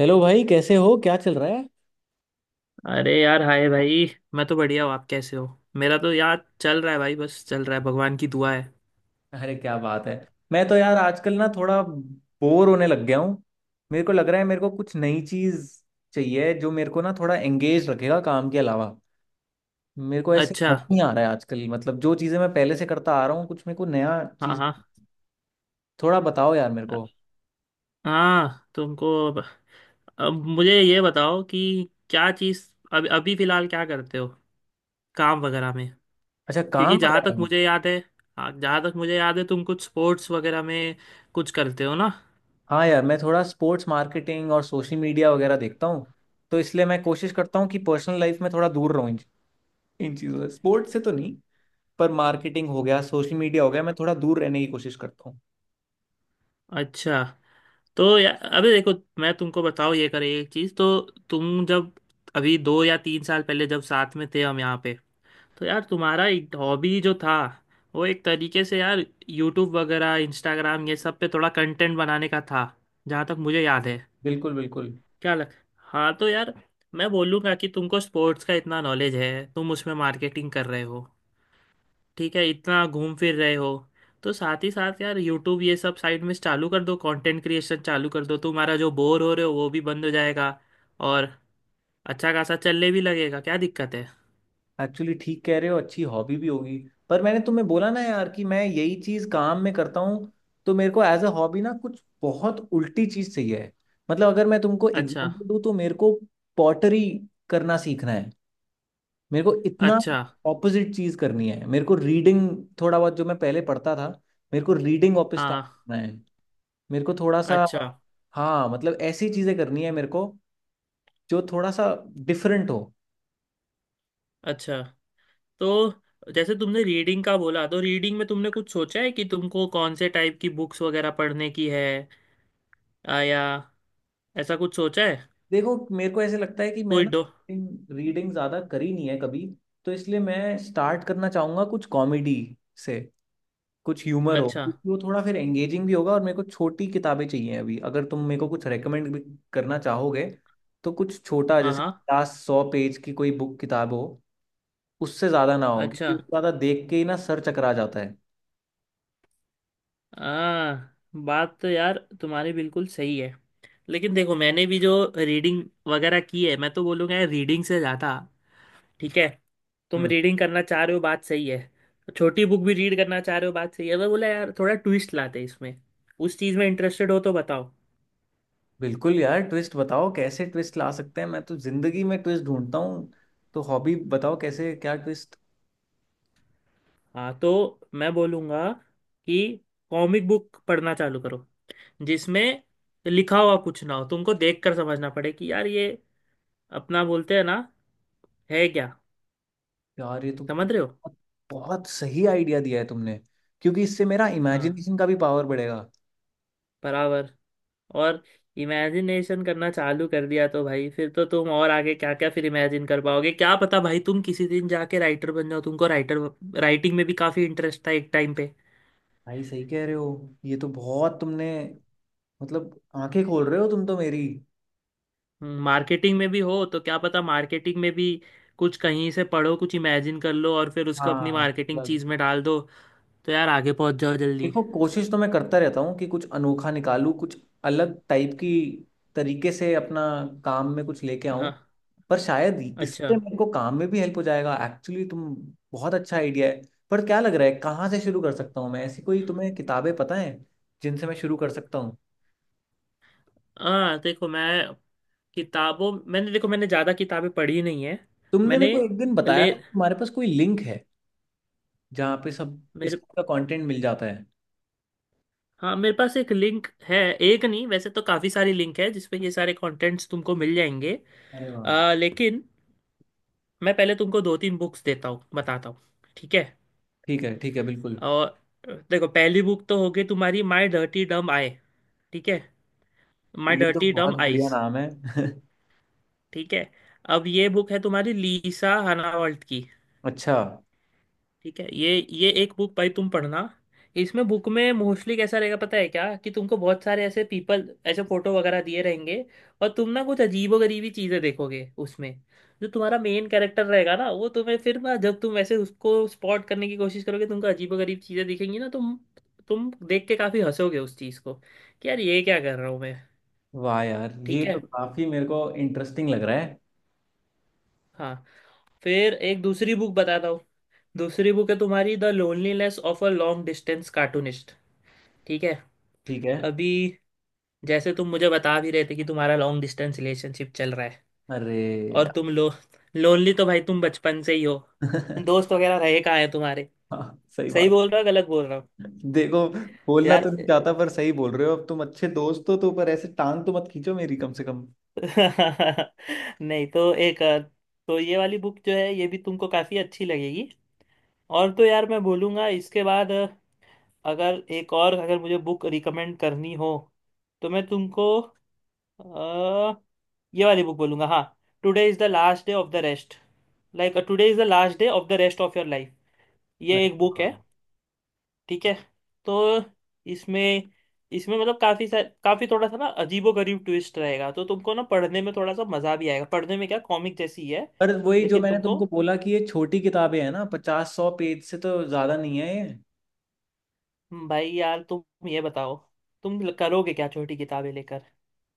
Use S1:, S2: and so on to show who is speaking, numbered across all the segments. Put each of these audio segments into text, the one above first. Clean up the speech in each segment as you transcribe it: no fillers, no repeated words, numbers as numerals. S1: Hello भाई, कैसे हो? क्या चल रहा है?
S2: अरे यार, हाय भाई। मैं तो बढ़िया हूँ, आप कैसे हो? मेरा तो यार चल रहा है भाई, बस चल रहा है, भगवान की दुआ है।
S1: अरे, क्या बात है। मैं तो यार आजकल ना थोड़ा बोर होने लग गया हूँ। मेरे को लग रहा है मेरे को कुछ नई चीज चाहिए जो मेरे को ना थोड़ा एंगेज रखेगा काम के अलावा। मेरे को ऐसे
S2: अच्छा।
S1: मजा नहीं आ रहा है आजकल। मतलब जो चीजें मैं पहले से करता आ रहा हूँ, कुछ मेरे को नया
S2: हाँ
S1: चीज
S2: हाँ
S1: थोड़ा बताओ यार मेरे को।
S2: हाँ। अब मुझे ये बताओ कि क्या चीज़ अब अभी फ़िलहाल क्या करते हो काम वगैरह में?
S1: अच्छा, काम
S2: क्योंकि जहाँ
S1: वगैरह
S2: तक
S1: में?
S2: मुझे याद है हाँ, जहाँ तक मुझे याद है तुम कुछ स्पोर्ट्स वगैरह में कुछ करते हो ना।
S1: हाँ यार, मैं थोड़ा स्पोर्ट्स मार्केटिंग और सोशल मीडिया वगैरह देखता हूँ। तो इसलिए मैं कोशिश करता हूँ कि पर्सनल लाइफ में थोड़ा दूर रहूँ इन इन चीज़ों से। स्पोर्ट्स से तो नहीं, पर मार्केटिंग हो गया, सोशल मीडिया हो गया, मैं थोड़ा दूर रहने की कोशिश करता हूँ।
S2: अच्छा। तो या अबे देखो, मैं तुमको बताऊँ ये करे एक चीज़ तो। तुम जब अभी दो या तीन साल पहले जब साथ में थे हम यहाँ पे, तो यार तुम्हारा एक हॉबी जो था, वो एक तरीके से यार यूट्यूब वगैरह इंस्टाग्राम ये सब पे थोड़ा कंटेंट बनाने का था, जहाँ तक मुझे याद है।
S1: बिल्कुल, बिल्कुल।
S2: क्या लग हाँ तो यार, मैं बोलूँगा कि तुमको स्पोर्ट्स का इतना नॉलेज है, तुम उसमें मार्केटिंग कर रहे हो, ठीक है, इतना घूम फिर रहे हो, तो साथ ही साथ यार यूट्यूब ये सब साइड में चालू कर दो, कंटेंट क्रिएशन चालू कर दो, तुम्हारा जो बोर हो रहे हो वो भी बंद हो जाएगा और अच्छा खासा चलने भी लगेगा, क्या दिक्कत है?
S1: एक्चुअली ठीक कह रहे हो, अच्छी हॉबी भी होगी। पर मैंने तुम्हें बोला ना यार कि मैं यही चीज काम में करता हूँ। तो मेरे को एज अ हॉबी ना कुछ बहुत उल्टी चीज चाहिए है। मतलब अगर मैं तुमको
S2: अच्छा।
S1: एग्जांपल दूँ तो मेरे को पॉटरी करना सीखना है। मेरे को इतना
S2: अच्छा।
S1: ऑपोजिट चीज करनी है। मेरे को रीडिंग, थोड़ा बहुत जो मैं पहले पढ़ता था, मेरे को रीडिंग वापस स्टार्ट
S2: हाँ।
S1: करना है। मेरे को थोड़ा सा,
S2: अच्छा।
S1: हाँ, मतलब ऐसी चीजें करनी है मेरे को जो थोड़ा सा डिफरेंट हो।
S2: अच्छा। तो जैसे तुमने रीडिंग का बोला, तो रीडिंग में तुमने कुछ सोचा है कि तुमको कौन से टाइप की बुक्स वगैरह पढ़ने की है, या ऐसा कुछ सोचा है?
S1: देखो, मेरे को ऐसे लगता है कि मैं
S2: कोई
S1: ना
S2: डो
S1: रीडिंग ज़्यादा करी नहीं है कभी। तो इसलिए मैं स्टार्ट करना चाहूँगा कुछ कॉमेडी से, कुछ ह्यूमर हो,
S2: अच्छा।
S1: क्योंकि वो थोड़ा फिर एंगेजिंग भी होगा। और मेरे को छोटी किताबें चाहिए अभी। अगर तुम मेरे को कुछ रेकमेंड भी करना चाहोगे, तो कुछ छोटा,
S2: हाँ
S1: जैसे
S2: हाँ।
S1: 50-100 पेज की कोई बुक किताब हो। उससे ज़्यादा ना हो,
S2: अच्छा।
S1: क्योंकि उससे ज़्यादा देख के ही ना सर चकरा जाता है।
S2: आ, बात तो यार तुम्हारी बिल्कुल सही है। लेकिन देखो, मैंने भी जो रीडिंग वगैरह की है, मैं तो बोलूँगा यार रीडिंग से ज़्यादा। ठीक है, तुम
S1: हम्म।
S2: रीडिंग करना चाह रहे हो, बात सही है, छोटी बुक भी रीड करना चाह रहे हो, बात सही है, मैं बोला यार थोड़ा ट्विस्ट लाते इसमें, उस चीज़ में इंटरेस्टेड हो तो बताओ।
S1: बिल्कुल यार, ट्विस्ट बताओ, कैसे ट्विस्ट ला सकते हैं। मैं तो जिंदगी में ट्विस्ट ढूंढता हूँ। तो हॉबी बताओ, कैसे, क्या ट्विस्ट?
S2: हाँ तो मैं बोलूँगा कि कॉमिक बुक पढ़ना चालू करो, जिसमें लिखा हुआ कुछ ना हो, तुमको देख कर समझना पड़े कि यार ये, अपना बोलते हैं ना, है क्या?
S1: यार, ये तो
S2: समझ रहे हो?
S1: बहुत बहुत सही आइडिया दिया है तुमने। क्योंकि इससे मेरा
S2: हाँ।
S1: इमेजिनेशन का भी पावर बढ़ेगा।
S2: बराबर। और इमेजिनेशन करना चालू कर दिया तो भाई फिर तो तुम और आगे क्या क्या फिर इमेजिन कर पाओगे, क्या पता भाई तुम किसी दिन जाके राइटर बन जाओ, तुमको राइटर राइटिंग में भी काफ़ी इंटरेस्ट था एक टाइम पे।
S1: भाई, सही कह रहे हो। ये तो बहुत तुमने, मतलब, आंखें खोल रहे हो तुम तो मेरी।
S2: मार्केटिंग में भी हो तो क्या पता मार्केटिंग में भी कुछ कहीं से पढ़ो, कुछ इमेजिन कर लो और फिर उसको अपनी
S1: हाँ,
S2: मार्केटिंग चीज़ में डाल दो, तो यार आगे पहुंच जाओ जल्दी।
S1: देखो, कोशिश तो मैं करता रहता हूँ कि कुछ अनोखा निकालूं, कुछ अलग टाइप की तरीके से अपना काम में कुछ लेके आऊं।
S2: हाँ।
S1: पर शायद
S2: अच्छा।
S1: इससे मेरे को काम में भी हेल्प हो जाएगा एक्चुअली। तुम, बहुत अच्छा आइडिया है। पर क्या लग रहा है, कहाँ से शुरू कर सकता हूँ मैं? ऐसी कोई तुम्हें किताबें पता है जिनसे मैं शुरू कर सकता हूँ?
S2: हाँ, देखो, मैं किताबों मैंने देखो मैंने ज़्यादा किताबें पढ़ी नहीं है।
S1: तुमने
S2: मैंने
S1: मेरे को एक दिन बताया
S2: ले
S1: था कि तुम्हारे पास कोई लिंक है जहाँ पे सब इस
S2: मेरे
S1: टाइप का कंटेंट मिल जाता है।
S2: हाँ, मेरे पास एक लिंक है। एक नहीं, वैसे तो काफ़ी सारी लिंक है जिसपे ये सारे कंटेंट्स तुमको मिल जाएंगे।
S1: अरे वाह।
S2: लेकिन मैं पहले तुमको दो तीन बुक्स देता हूँ, बताता हूँ। ठीक है।
S1: ठीक है, ठीक है, बिल्कुल।
S2: और देखो, पहली बुक तो होगी तुम्हारी माई डर्टी डम आई। ठीक है, माई
S1: ये तो
S2: डर्टी
S1: बहुत
S2: डम
S1: बढ़िया
S2: आईज।
S1: नाम है।
S2: ठीक है। अब ये बुक है तुम्हारी लीसा हनावल्ट की।
S1: अच्छा।
S2: ठीक है। ये एक बुक भाई तुम पढ़ना। इसमें, बुक में मोस्टली कैसा रहेगा पता है क्या? कि तुमको बहुत सारे ऐसे पीपल, ऐसे फोटो वगैरह दिए रहेंगे, और तुम ना कुछ अजीबो गरीबी चीजें देखोगे उसमें। जो तुम्हारा मेन कैरेक्टर रहेगा ना, वो तुम्हें फिर ना, जब तुम ऐसे उसको स्पॉट करने की कोशिश करोगे, तुमको अजीबो गरीब चीजें दिखेंगी ना, तुम देख के काफी हंसोगे उस चीज को कि यार ये क्या कर रहा हूँ मैं।
S1: वाह यार, ये
S2: ठीक
S1: तो
S2: है।
S1: काफी मेरे को इंटरेस्टिंग लग रहा है।
S2: हाँ, फिर एक दूसरी बुक बताता हूँ। दूसरी बुक है तुम्हारी the loneliness of a long distance cartoonist. ठीक है।
S1: ठीक है।
S2: अभी जैसे तुम मुझे बता भी रहे थे कि तुम्हारा लॉन्ग डिस्टेंस रिलेशनशिप चल रहा है,
S1: अरे
S2: और
S1: यार।
S2: तुम लो लोनली तो भाई तुम बचपन से ही हो, दोस्त वगैरह रहे कहाँ हैं तुम्हारे।
S1: हाँ, सही
S2: सही
S1: बात।
S2: बोल रहा हूँ, गलत बोल रहा हूँ?
S1: देखो, बोलना तो
S2: यार
S1: नहीं चाहता, पर सही बोल रहे हो। अब तुम अच्छे दोस्त हो, तो पर ऐसे टांग तो मत खींचो मेरी कम से कम।
S2: नहीं तो। तो ये वाली बुक जो है ये भी तुमको काफ़ी अच्छी लगेगी। और तो यार मैं बोलूँगा इसके बाद, अगर एक और, अगर मुझे बुक रिकमेंड करनी हो, तो मैं तुमको अ, ये वाली बुक बोलूँगा। हाँ। Today is the last day of the rest, like today is the last day of the rest of your life. ये
S1: अरे
S2: एक बुक है।
S1: हाँ।
S2: ठीक है। तो इसमें इसमें, मतलब काफ़ी थोड़ा सा ना अजीबो गरीब ट्विस्ट रहेगा, तो तुमको ना पढ़ने में थोड़ा सा मज़ा भी आएगा। पढ़ने में क्या, कॉमिक जैसी ही है।
S1: पर वही, जो
S2: लेकिन
S1: मैंने
S2: तुमको
S1: तुमको बोला कि ये छोटी किताबें हैं ना, 50-100 पेज से तो ज्यादा नहीं है ये।
S2: भाई यार, तुम ये बताओ, तुम करोगे क्या छोटी किताबें लेकर?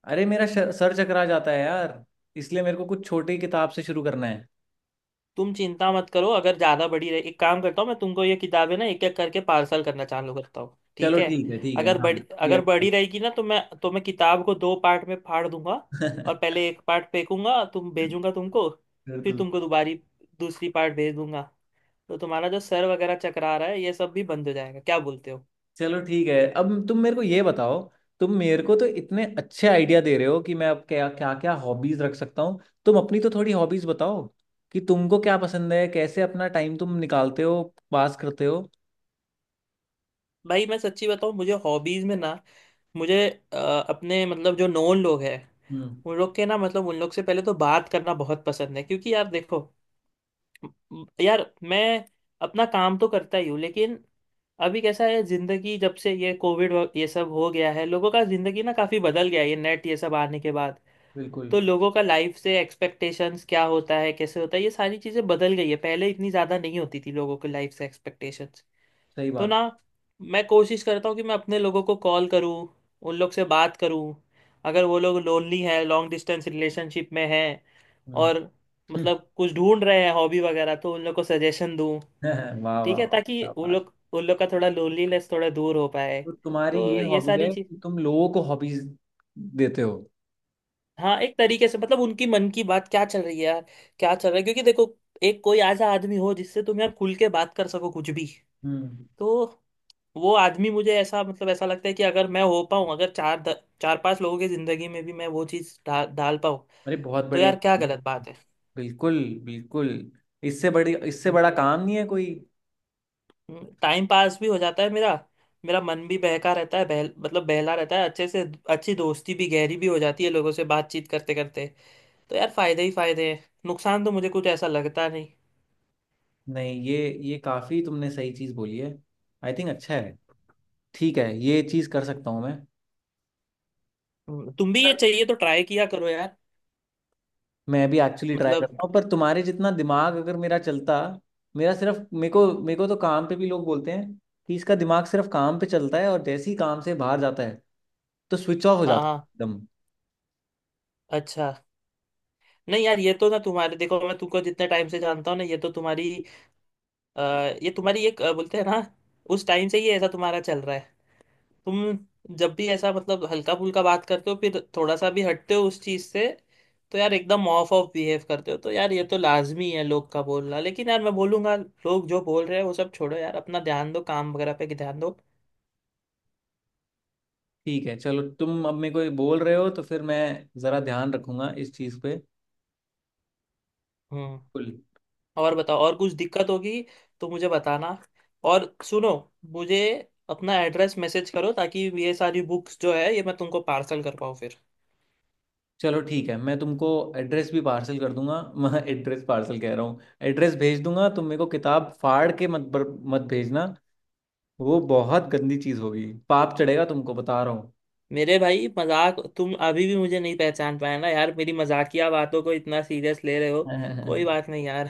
S1: अरे, मेरा सर चकरा जाता है यार। इसलिए मेरे को कुछ छोटी किताब से शुरू करना है।
S2: तुम चिंता मत करो, अगर ज़्यादा बड़ी रही, एक काम करता हूँ, मैं तुमको ये किताबें ना एक एक करके पार्सल करना चालू करता हूँ। ठीक
S1: चलो
S2: है।
S1: ठीक है, ठीक है,
S2: अगर बड़ी
S1: हाँ, ये
S2: अगर
S1: अच्छा है।
S2: बड़ी रहेगी ना, तो मैं किताब को दो पार्ट में फाड़ दूंगा, और पहले एक पार्ट फेंकूंगा, तुम भेजूंगा तुमको,
S1: फिर
S2: फिर तुमको
S1: दूसरा।
S2: दोबारी दूसरी पार्ट भेज दूंगा, तो तुम्हारा जो सर वगैरह चकरा रहा है ये सब भी बंद हो जाएगा। क्या बोलते हो?
S1: चलो ठीक है, अब तुम मेरे को ये बताओ। तुम मेरे को तो इतने अच्छे आइडिया दे रहे हो कि मैं अब क्या क्या क्या हॉबीज रख सकता हूँ। तुम अपनी तो थोड़ी हॉबीज बताओ, कि तुमको क्या पसंद है, कैसे अपना टाइम तुम निकालते हो, पास करते हो।
S2: भाई मैं सच्ची बताऊँ, मुझे हॉबीज़ में ना, मुझे अ, अपने मतलब जो नॉन लोग हैं,
S1: हम्म।
S2: उन लोग के ना, मतलब उन लोग से पहले तो बात करना बहुत पसंद है, क्योंकि यार देखो, यार मैं अपना काम तो करता ही हूँ लेकिन अभी कैसा है जिंदगी, जब से ये कोविड ये सब हो गया है, लोगों का जिंदगी ना काफी बदल गया है, ये नेट ये सब आने के बाद।
S1: बिल्कुल।
S2: तो लोगों का लाइफ से एक्सपेक्टेशंस क्या होता है, कैसे होता है, ये सारी चीजें बदल गई है, पहले इतनी ज्यादा नहीं होती थी लोगों के लाइफ से एक्सपेक्टेशंस।
S1: सही
S2: तो
S1: बात।
S2: ना मैं कोशिश करता हूँ कि मैं अपने लोगों को कॉल करूँ, उन लोग से बात करूँ, अगर वो लोग लोनली हैं, लॉन्ग डिस्टेंस रिलेशनशिप में हैं,
S1: हम्म।
S2: और मतलब कुछ ढूंढ रहे हैं हॉबी वगैरह, तो उन लोग को सजेशन दूँ।
S1: वाह
S2: ठीक
S1: वाह
S2: है,
S1: वाह,
S2: ताकि
S1: क्या
S2: उन
S1: बात।
S2: लोग उन लोग का थोड़ा लोनलीनेस थोड़ा दूर हो पाए।
S1: तो तुम्हारी
S2: तो
S1: ये
S2: ये
S1: हॉबी
S2: सारी
S1: है
S2: चीज
S1: कि तुम लोगों को हॉबीज देते हो?
S2: हाँ, एक तरीके से मतलब उनकी मन की बात क्या चल रही है यार, क्या चल रहा है, क्योंकि देखो, एक कोई ऐसा आदमी हो जिससे तुम यार खुल के बात कर सको कुछ भी,
S1: हम्म।
S2: तो वो आदमी मुझे ऐसा, मतलब ऐसा लगता है कि अगर मैं हो पाऊँ, अगर चार पांच लोगों की जिंदगी में भी मैं वो चीज़ डाल पाऊँ,
S1: अरे, बहुत
S2: तो
S1: बड़े
S2: यार क्या
S1: इंसान।
S2: गलत बात है?
S1: बिल्कुल, बिल्कुल। इससे बड़ी, इससे बड़ा काम नहीं है कोई।
S2: टाइम पास भी हो जाता है मेरा, मेरा मन भी बहका रहता है, बहल मतलब बहला रहता है अच्छे से। अच्छी दोस्ती भी गहरी भी हो जाती है लोगों से बातचीत करते करते। तो यार फायदे ही फायदे हैं, नुकसान तो मुझे कुछ ऐसा लगता नहीं।
S1: नहीं, ये काफी तुमने सही चीज बोली है। आई थिंक अच्छा है। ठीक है, ये चीज कर सकता हूँ मैं।
S2: तुम भी ये
S1: पर
S2: चाहिए तो ट्राई किया करो यार।
S1: मैं भी एक्चुअली ट्राई
S2: मतलब।
S1: करता हूँ, पर तुम्हारे जितना दिमाग अगर मेरा चलता। मेरा सिर्फ मेरे को तो काम पे भी लोग बोलते हैं कि इसका दिमाग सिर्फ काम पे चलता है, और जैसे ही काम से बाहर जाता है तो स्विच ऑफ हो
S2: हाँ
S1: जाता है
S2: हाँ।
S1: एकदम।
S2: अच्छा। नहीं यार, ये तो ना तुम्हारे, देखो मैं तुमको जितने टाइम से जानता हूँ ना, अ, ये तुम्हारी एक बोलते हैं ना, उस टाइम से ही ऐसा तुम्हारा चल रहा है। तुम जब भी ऐसा, मतलब हल्का फुल्का बात करते हो, फिर थोड़ा सा भी हटते हो उस चीज से, तो यार एकदम ऑफ ऑफ बिहेव करते हो, तो यार ये तो लाजमी है लोग का बोलना, लेकिन यार मैं बोलूंगा लोग जो बोल रहे हैं वो सब छोड़ो यार, अपना ध्यान दो, काम वगैरह पे ध्यान दो।
S1: ठीक है, चलो, तुम अब मेरे को ये बोल रहे हो तो फिर मैं जरा ध्यान रखूंगा इस चीज पे।
S2: हम्म।
S1: बिल्कुल।
S2: और बताओ, और कुछ दिक्कत होगी तो मुझे बताना। और सुनो, मुझे अपना एड्रेस मैसेज करो, ताकि ये सारी बुक्स जो है ये मैं तुमको पार्सल कर पाऊँ फिर।
S1: चलो ठीक है, मैं तुमको एड्रेस भी पार्सल कर दूंगा। मैं एड्रेस पार्सल कह रहा हूँ। एड्रेस भेज दूंगा। तुम मेरे को किताब फाड़ के मत भेजना। वो बहुत गंदी चीज़ होगी, पाप चढ़ेगा, तुमको बता रहा हूँ।
S2: मेरे भाई, मजाक, तुम अभी भी मुझे नहीं पहचान पाए ना यार, मेरी मजाकिया बातों को इतना सीरियस ले रहे हो। कोई बात नहीं यार,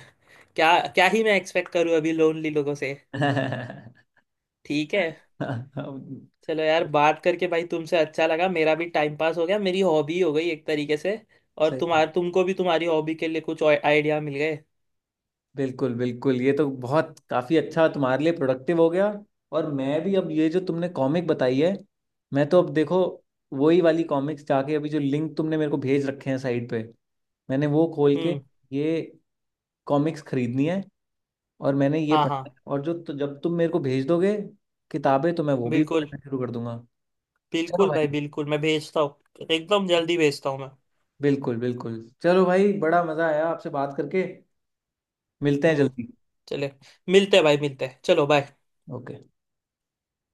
S2: क्या क्या ही मैं एक्सपेक्ट करूँ अभी लोनली लोगों से। ठीक है। चलो यार, बात करके भाई तुमसे अच्छा लगा, मेरा भी टाइम पास हो गया, मेरी हॉबी हो गई एक तरीके से, और
S1: सही बात।
S2: तुम्हार तुमको भी तुम्हारी हॉबी के लिए कुछ आइडिया मिल गए।
S1: बिल्कुल, बिल्कुल। ये तो बहुत काफ़ी अच्छा तुम्हारे लिए प्रोडक्टिव हो गया। और मैं भी अब ये जो तुमने कॉमिक बताई है, मैं तो अब देखो, वही वाली कॉमिक्स जाके, अभी जो लिंक तुमने मेरे को भेज रखे हैं साइट पे, मैंने वो खोल के
S2: हम्म।
S1: ये कॉमिक्स खरीदनी है। और मैंने ये
S2: हाँ हाँ।
S1: पढ़ना है। और जो, तो जब तुम मेरे को भेज दोगे किताबें, तो मैं वो भी
S2: बिल्कुल।
S1: पढ़ना शुरू कर दूंगा। चलो
S2: बिल्कुल भाई,
S1: भाई,
S2: बिल्कुल मैं भेजता हूँ एकदम, जल्दी भेजता हूँ मैं।
S1: बिल्कुल, बिल्कुल। चलो भाई, बड़ा मज़ा आया आपसे बात करके। मिलते हैं
S2: हम्म।
S1: जल्दी।
S2: चले, मिलते हैं भाई, मिलते हैं, चलो बाय।
S1: ओके।